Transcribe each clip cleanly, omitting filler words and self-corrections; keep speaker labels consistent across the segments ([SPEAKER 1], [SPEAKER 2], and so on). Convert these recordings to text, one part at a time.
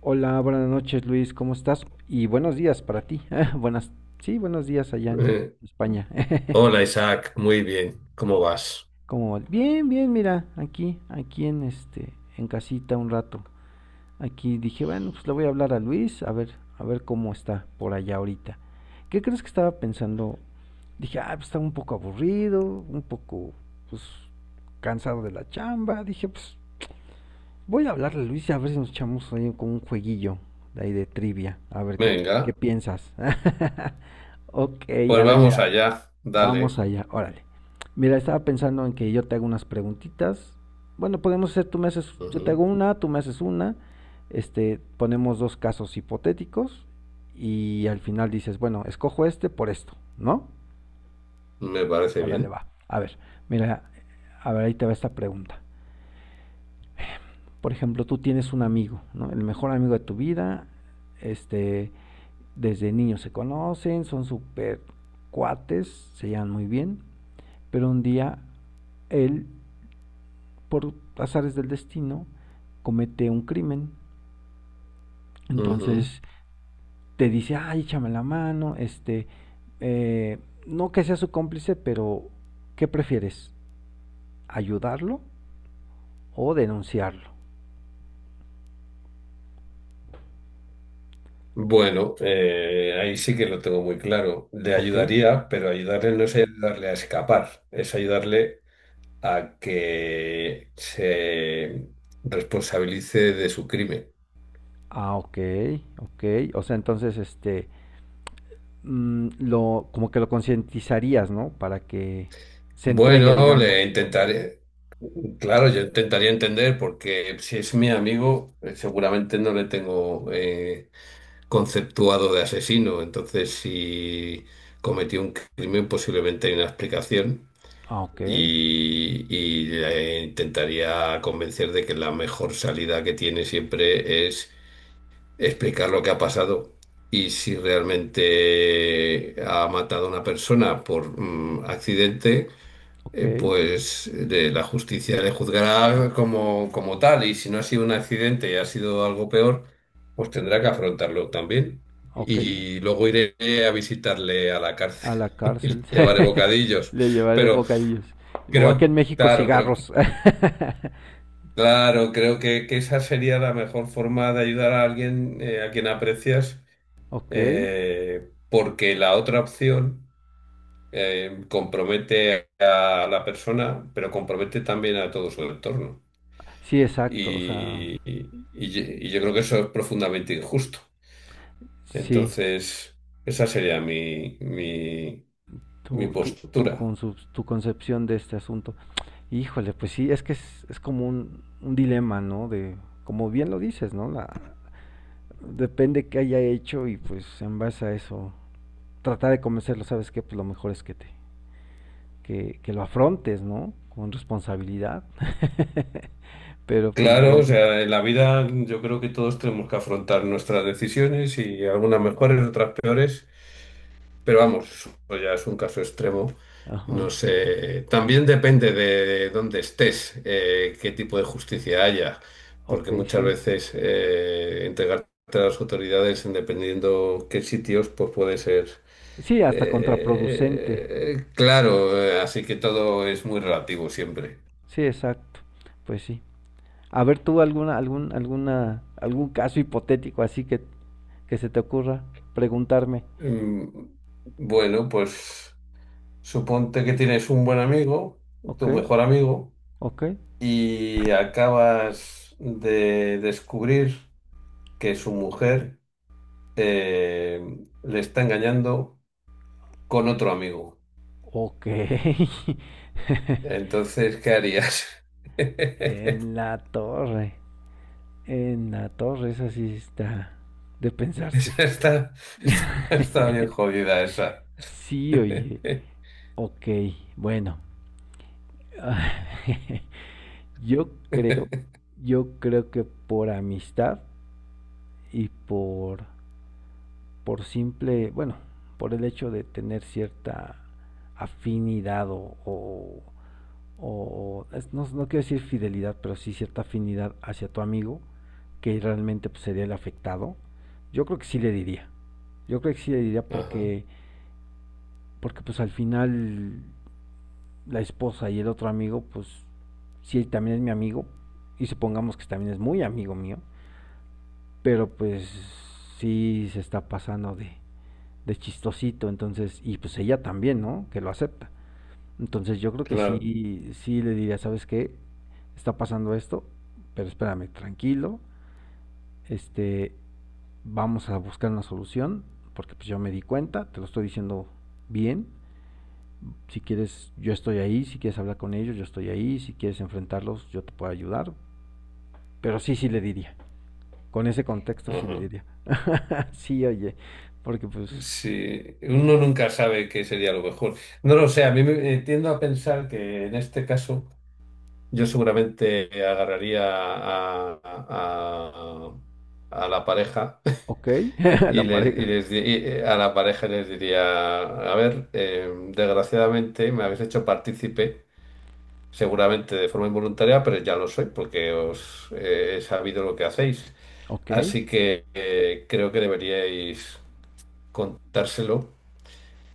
[SPEAKER 1] Hola, buenas noches Luis, ¿cómo estás? Y buenos días para ti. Buenas, sí, buenos días allá en
[SPEAKER 2] Eh,
[SPEAKER 1] España.
[SPEAKER 2] hola Isaac, muy bien, ¿cómo vas?
[SPEAKER 1] Como bien, bien, mira, aquí en este, en casita un rato. Aquí dije, bueno, pues le voy a hablar a Luis, a ver cómo está por allá ahorita. ¿Qué crees que estaba pensando? Dije, ah, pues está un poco aburrido, un poco, pues, cansado de la chamba. Dije, pues, voy a hablarle, Luis, y a ver si nos echamos ahí con un jueguillo de ahí de trivia. A ver qué, qué
[SPEAKER 2] Venga,
[SPEAKER 1] piensas. Ok, a
[SPEAKER 2] pues
[SPEAKER 1] ver, mira,
[SPEAKER 2] vamos allá,
[SPEAKER 1] vamos
[SPEAKER 2] dale.
[SPEAKER 1] allá, órale. Mira, estaba pensando en que yo te hago unas preguntitas. Bueno, podemos hacer, tú me haces, yo te hago
[SPEAKER 2] Ujú.
[SPEAKER 1] una, tú me haces una. Ponemos dos casos hipotéticos y al final dices, bueno, escojo este por esto, ¿no?
[SPEAKER 2] Me parece
[SPEAKER 1] Órale,
[SPEAKER 2] bien.
[SPEAKER 1] va. A ver, mira, a ver, ahí te va esta pregunta. Por ejemplo, tú tienes un amigo, ¿no? El mejor amigo de tu vida, este, desde niños se conocen, son súper cuates, se llevan muy bien, pero un día él, por azares del destino, comete un crimen,
[SPEAKER 2] Ujú.
[SPEAKER 1] entonces te dice, ay, échame la mano, eh, no que sea su cómplice, pero ¿qué prefieres? ¿Ayudarlo o denunciarlo?
[SPEAKER 2] Bueno, ahí sí que lo tengo muy claro. Le
[SPEAKER 1] ¿Ok?
[SPEAKER 2] ayudaría, pero ayudarle no es ayudarle a escapar, es ayudarle a que se responsabilice de su crimen.
[SPEAKER 1] Ah, ok, ok. O sea, entonces, lo, como que lo concientizarías, ¿no? Para que se entregue,
[SPEAKER 2] Bueno, le
[SPEAKER 1] digamos.
[SPEAKER 2] intentaré, claro, yo intentaría entender porque si es mi amigo, seguramente no le tengo conceptuado de asesino. Entonces, si cometió un crimen, posiblemente hay una explicación
[SPEAKER 1] Ah, ok,
[SPEAKER 2] y, le intentaría convencer de que la mejor salida que tiene siempre es explicar lo que ha pasado. Y si realmente ha matado a una persona por accidente,
[SPEAKER 1] ok,
[SPEAKER 2] pues de la justicia le juzgará como, como tal y si no ha sido un accidente y ha sido algo peor, pues tendrá que afrontarlo también.
[SPEAKER 1] ok.
[SPEAKER 2] Y luego iré a visitarle a la cárcel
[SPEAKER 1] A la
[SPEAKER 2] y
[SPEAKER 1] cárcel.
[SPEAKER 2] le llevaré bocadillos.
[SPEAKER 1] Le llevaré
[SPEAKER 2] Pero
[SPEAKER 1] bocadillos. O aquí en
[SPEAKER 2] creo,
[SPEAKER 1] México
[SPEAKER 2] claro,
[SPEAKER 1] cigarros.
[SPEAKER 2] creo que esa sería la mejor forma de ayudar a alguien a quien aprecias,
[SPEAKER 1] Ok.
[SPEAKER 2] porque la otra opción compromete a la persona, pero compromete también a todo su entorno.
[SPEAKER 1] Sí, exacto. O sea,
[SPEAKER 2] Y, yo creo que eso es profundamente injusto.
[SPEAKER 1] sí.
[SPEAKER 2] Entonces, esa sería mi postura.
[SPEAKER 1] Tu concepción de este asunto. Híjole, pues sí, es que es como un dilema, ¿no? De, como bien lo dices, ¿no? La, depende qué haya hecho y pues en base a eso tratar de convencerlo, ¿sabes qué? Pues lo mejor es que te que lo afrontes, ¿no? Con responsabilidad. Pero pues
[SPEAKER 2] Claro, o
[SPEAKER 1] bueno,
[SPEAKER 2] sea, en la vida yo creo que todos tenemos que afrontar nuestras decisiones y algunas mejores, otras peores. Pero vamos, eso ya es un caso extremo.
[SPEAKER 1] ajá.
[SPEAKER 2] No sé. También depende de dónde estés, qué tipo de justicia haya,
[SPEAKER 1] Ok,
[SPEAKER 2] porque muchas
[SPEAKER 1] sí.
[SPEAKER 2] veces entregarte a las autoridades, en dependiendo qué sitios, pues puede ser
[SPEAKER 1] Sí, hasta contraproducente.
[SPEAKER 2] claro. Así que todo es muy relativo siempre.
[SPEAKER 1] Sí, exacto. Pues sí. A ver tú alguna algún caso hipotético así que se te ocurra preguntarme.
[SPEAKER 2] Mm, Bueno, pues suponte que tienes un buen amigo,
[SPEAKER 1] Ok,
[SPEAKER 2] tu mejor amigo.
[SPEAKER 1] ok,
[SPEAKER 2] Y acabas de descubrir que su mujer eh, le está engañando con otro amigo.
[SPEAKER 1] ok.
[SPEAKER 2] Entonces, ¿qué harías?
[SPEAKER 1] En la torre, en la torre, esa sí está de pensarse.
[SPEAKER 2] Esa está, está bien jodida esa.
[SPEAKER 1] Sí, oye. Ok, bueno. Yo creo, yo creo que por amistad y por simple, bueno, por el hecho de tener cierta afinidad o- es- no, no quiero decir fidelidad, pero sí cierta afinidad hacia tu amigo, que realmente pues, sería el afectado, yo creo que sí le diría. Yo creo que sí le diría
[SPEAKER 2] Ajá,
[SPEAKER 1] porque, porque pues al final la esposa y el otro amigo, pues si él también es mi amigo, y supongamos que también es muy amigo mío, pero pues sí se está pasando de chistosito, entonces, y pues ella también, ¿no? Que lo acepta. Entonces yo creo que
[SPEAKER 2] claro.
[SPEAKER 1] sí, sí le diría, ¿sabes qué? Está pasando esto, pero espérame, tranquilo, este, vamos a buscar una solución, porque pues yo me di cuenta, te lo estoy diciendo bien, si quieres, yo estoy ahí, si quieres hablar con ellos, yo estoy ahí, si quieres enfrentarlos, yo te puedo ayudar. Pero sí, sí le diría. Con ese contexto sí le
[SPEAKER 2] Ajá.
[SPEAKER 1] diría. Sí, oye, porque pues,
[SPEAKER 2] Sí, uno nunca sabe qué sería lo mejor. No lo sé, a mí me tiendo a pensar que en este caso yo seguramente agarraría a la pareja.
[SPEAKER 1] ok,
[SPEAKER 2] Y,
[SPEAKER 1] la pareja.
[SPEAKER 2] a la pareja les diría, a ver, desgraciadamente me habéis hecho partícipe, seguramente de forma involuntaria, pero ya lo soy porque os he sabido lo que hacéis.
[SPEAKER 1] Ok,
[SPEAKER 2] Así que creo que deberíais contárselo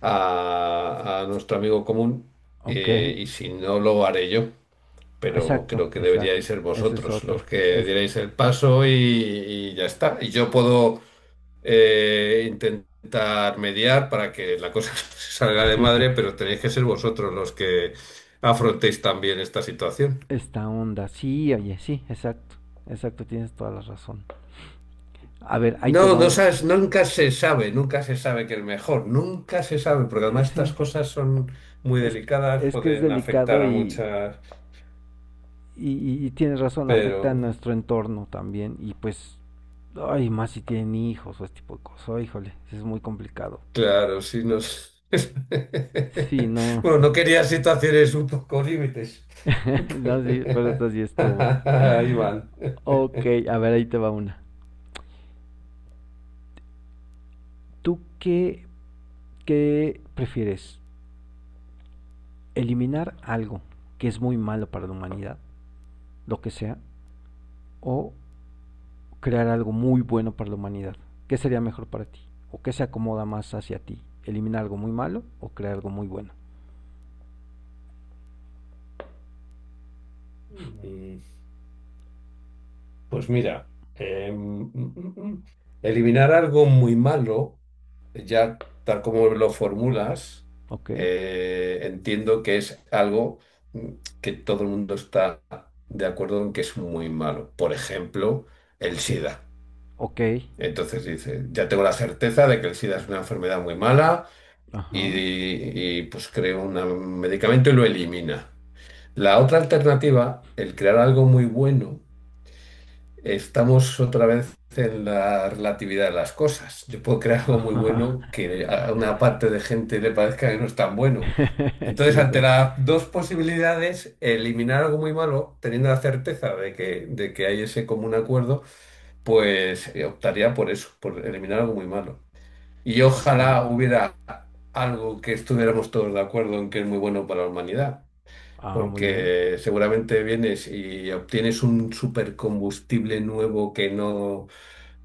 [SPEAKER 2] a nuestro amigo común,
[SPEAKER 1] ok.
[SPEAKER 2] y si no lo haré yo. Pero
[SPEAKER 1] Exacto,
[SPEAKER 2] creo que
[SPEAKER 1] exacto.
[SPEAKER 2] deberíais ser
[SPEAKER 1] Esa es
[SPEAKER 2] vosotros los
[SPEAKER 1] otra.
[SPEAKER 2] que
[SPEAKER 1] Es
[SPEAKER 2] dierais el paso y ya está. Y yo puedo intentar mediar para que la cosa se salga de madre, pero tenéis que ser vosotros los que afrontéis también esta situación.
[SPEAKER 1] esta onda. Sí, oye, sí, exacto. Exacto, tienes toda la razón. A ver, ahí te
[SPEAKER 2] No,
[SPEAKER 1] va
[SPEAKER 2] no
[SPEAKER 1] un...
[SPEAKER 2] sabes, nunca se sabe, nunca se sabe, porque además estas
[SPEAKER 1] Ese,
[SPEAKER 2] cosas son muy
[SPEAKER 1] es,
[SPEAKER 2] delicadas,
[SPEAKER 1] es que es
[SPEAKER 2] pueden afectar
[SPEAKER 1] delicado
[SPEAKER 2] a muchas,
[SPEAKER 1] y tienes razón, afecta a
[SPEAKER 2] pero...
[SPEAKER 1] nuestro entorno también y pues, ay, más si tienen hijos o este tipo de cosas, oh, híjole, es muy complicado.
[SPEAKER 2] Claro, sí, nos...
[SPEAKER 1] Sí, no,
[SPEAKER 2] Bueno, no quería situaciones un poco límites.
[SPEAKER 1] no, sí, pero esta sí estuvo.
[SPEAKER 2] Ahí van.
[SPEAKER 1] Ok, a ver, ahí te va una. ¿Tú qué, qué prefieres? ¿Eliminar algo que es muy malo para la humanidad, lo que sea, o crear algo muy bueno para la humanidad? ¿Qué sería mejor para ti? ¿O qué se acomoda más hacia ti? ¿Eliminar algo muy malo o crear algo muy bueno?
[SPEAKER 2] Mm, Pues mira, eliminar algo muy malo, ya tal como lo formulas,
[SPEAKER 1] ¿Ok?
[SPEAKER 2] entiendo que es algo mm, que todo el mundo está de acuerdo en que es muy malo. Por ejemplo, el
[SPEAKER 1] Ok.
[SPEAKER 2] SIDA.
[SPEAKER 1] Ok.
[SPEAKER 2] Entonces dice, ya tengo la certeza de que el SIDA es una enfermedad muy mala
[SPEAKER 1] Ajá.
[SPEAKER 2] y, pues creo un medicamento y lo elimina. La otra alternativa, el crear algo muy bueno, estamos otra vez en la relatividad de las cosas. Yo puedo crear algo muy
[SPEAKER 1] Ajá.
[SPEAKER 2] bueno que a una parte de gente le parezca que no es tan bueno. Entonces,
[SPEAKER 1] Sí,
[SPEAKER 2] ante
[SPEAKER 1] exacto.
[SPEAKER 2] las dos posibilidades, eliminar algo muy malo, teniendo la certeza de que hay ese común acuerdo, pues optaría por eso, por eliminar algo muy malo. Y
[SPEAKER 1] Ok.
[SPEAKER 2] ojalá hubiera algo que estuviéramos todos de acuerdo en que es muy bueno para la humanidad,
[SPEAKER 1] Ah, muy bien.
[SPEAKER 2] porque seguramente vienes y obtienes un supercombustible nuevo que no,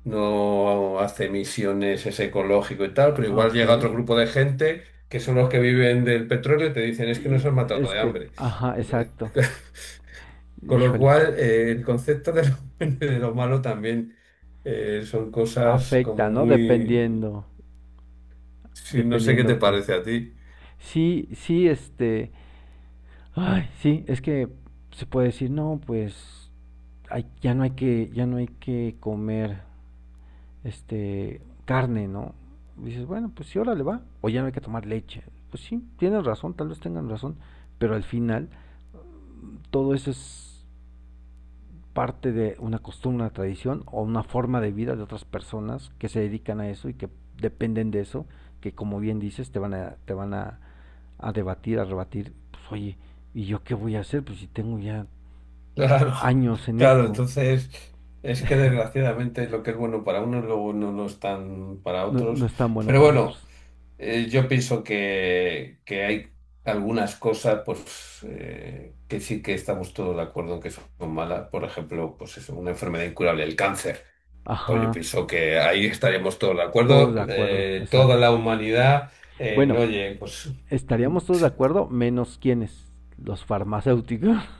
[SPEAKER 2] no hace emisiones, es ecológico y tal, pero
[SPEAKER 1] Ah,
[SPEAKER 2] igual
[SPEAKER 1] ok.
[SPEAKER 2] llega otro grupo de gente que son los que viven del petróleo y te dicen es que
[SPEAKER 1] Y
[SPEAKER 2] nos han matado
[SPEAKER 1] es
[SPEAKER 2] de
[SPEAKER 1] que,
[SPEAKER 2] hambre.
[SPEAKER 1] ajá,
[SPEAKER 2] Entonces,
[SPEAKER 1] exacto.
[SPEAKER 2] con lo
[SPEAKER 1] Híjole.
[SPEAKER 2] cual, el concepto de lo, bueno de lo malo también son cosas
[SPEAKER 1] Afecta,
[SPEAKER 2] como
[SPEAKER 1] ¿no?
[SPEAKER 2] muy...
[SPEAKER 1] Dependiendo.
[SPEAKER 2] Sí, no sé qué te
[SPEAKER 1] Dependiendo qué.
[SPEAKER 2] parece a ti.
[SPEAKER 1] Sí, sí, este. Ay, sí, es que se puede decir, no, pues. Ay, ya no hay que comer. Este, carne, ¿no? Dices, bueno, pues sí, ahora le va. O ya no hay que tomar leche. Pues sí, tienen razón, tal vez tengan razón. Pero al final, todo eso es parte de una costumbre, una tradición o una forma de vida de otras personas que se dedican a eso y que dependen de eso, que como bien dices, te van a debatir, a rebatir, pues oye, ¿y yo qué voy a hacer? Pues si tengo ya
[SPEAKER 2] Claro,
[SPEAKER 1] años en
[SPEAKER 2] claro,
[SPEAKER 1] esto,
[SPEAKER 2] entonces es que desgraciadamente lo que es bueno para unos luego no lo es tan para
[SPEAKER 1] no, no
[SPEAKER 2] otros.
[SPEAKER 1] es tan bueno
[SPEAKER 2] Pero
[SPEAKER 1] para
[SPEAKER 2] bueno,
[SPEAKER 1] otros.
[SPEAKER 2] yo pienso que hay algunas cosas pues que sí que estamos todos de acuerdo en que son malas. Por ejemplo, pues eso, una enfermedad incurable, el cáncer. Pues yo
[SPEAKER 1] Ajá,
[SPEAKER 2] pienso que ahí estaríamos todos de
[SPEAKER 1] todos
[SPEAKER 2] acuerdo.
[SPEAKER 1] de acuerdo,
[SPEAKER 2] Toda
[SPEAKER 1] exacto.
[SPEAKER 2] la humanidad,
[SPEAKER 1] Bueno,
[SPEAKER 2] no, oye, pues
[SPEAKER 1] estaríamos todos de acuerdo, menos quienes, los farmacéuticos.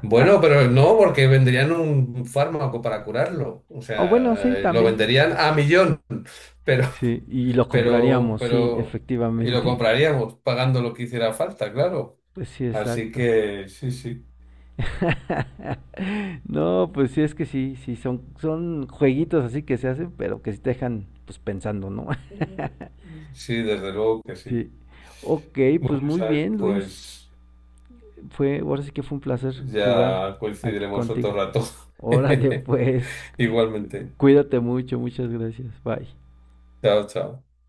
[SPEAKER 2] bueno, pero no, porque venderían un fármaco para curarlo. O
[SPEAKER 1] O bueno, sí,
[SPEAKER 2] sea, lo
[SPEAKER 1] también.
[SPEAKER 2] venderían a millón, pero,
[SPEAKER 1] Sí, y lo compraríamos, sí,
[SPEAKER 2] pero, y lo
[SPEAKER 1] efectivamente.
[SPEAKER 2] compraríamos pagando lo que hiciera falta, claro.
[SPEAKER 1] Pues sí,
[SPEAKER 2] Así
[SPEAKER 1] exacto.
[SPEAKER 2] que sí, sí.
[SPEAKER 1] No, pues sí, es que sí, sí, son, son jueguitos así que se hacen, pero que sí te dejan pues pensando, ¿no?
[SPEAKER 2] Sí, desde luego que sí.
[SPEAKER 1] Sí. Ok,
[SPEAKER 2] Bueno,
[SPEAKER 1] pues muy
[SPEAKER 2] Isaac,
[SPEAKER 1] bien, Luis.
[SPEAKER 2] pues
[SPEAKER 1] Fue, ahora sí que fue un placer jugar
[SPEAKER 2] ya
[SPEAKER 1] aquí
[SPEAKER 2] coincidiremos otro
[SPEAKER 1] contigo.
[SPEAKER 2] rato.
[SPEAKER 1] Órale, pues,
[SPEAKER 2] Igualmente.
[SPEAKER 1] cuídate mucho, muchas gracias. Bye.
[SPEAKER 2] Chao, chao.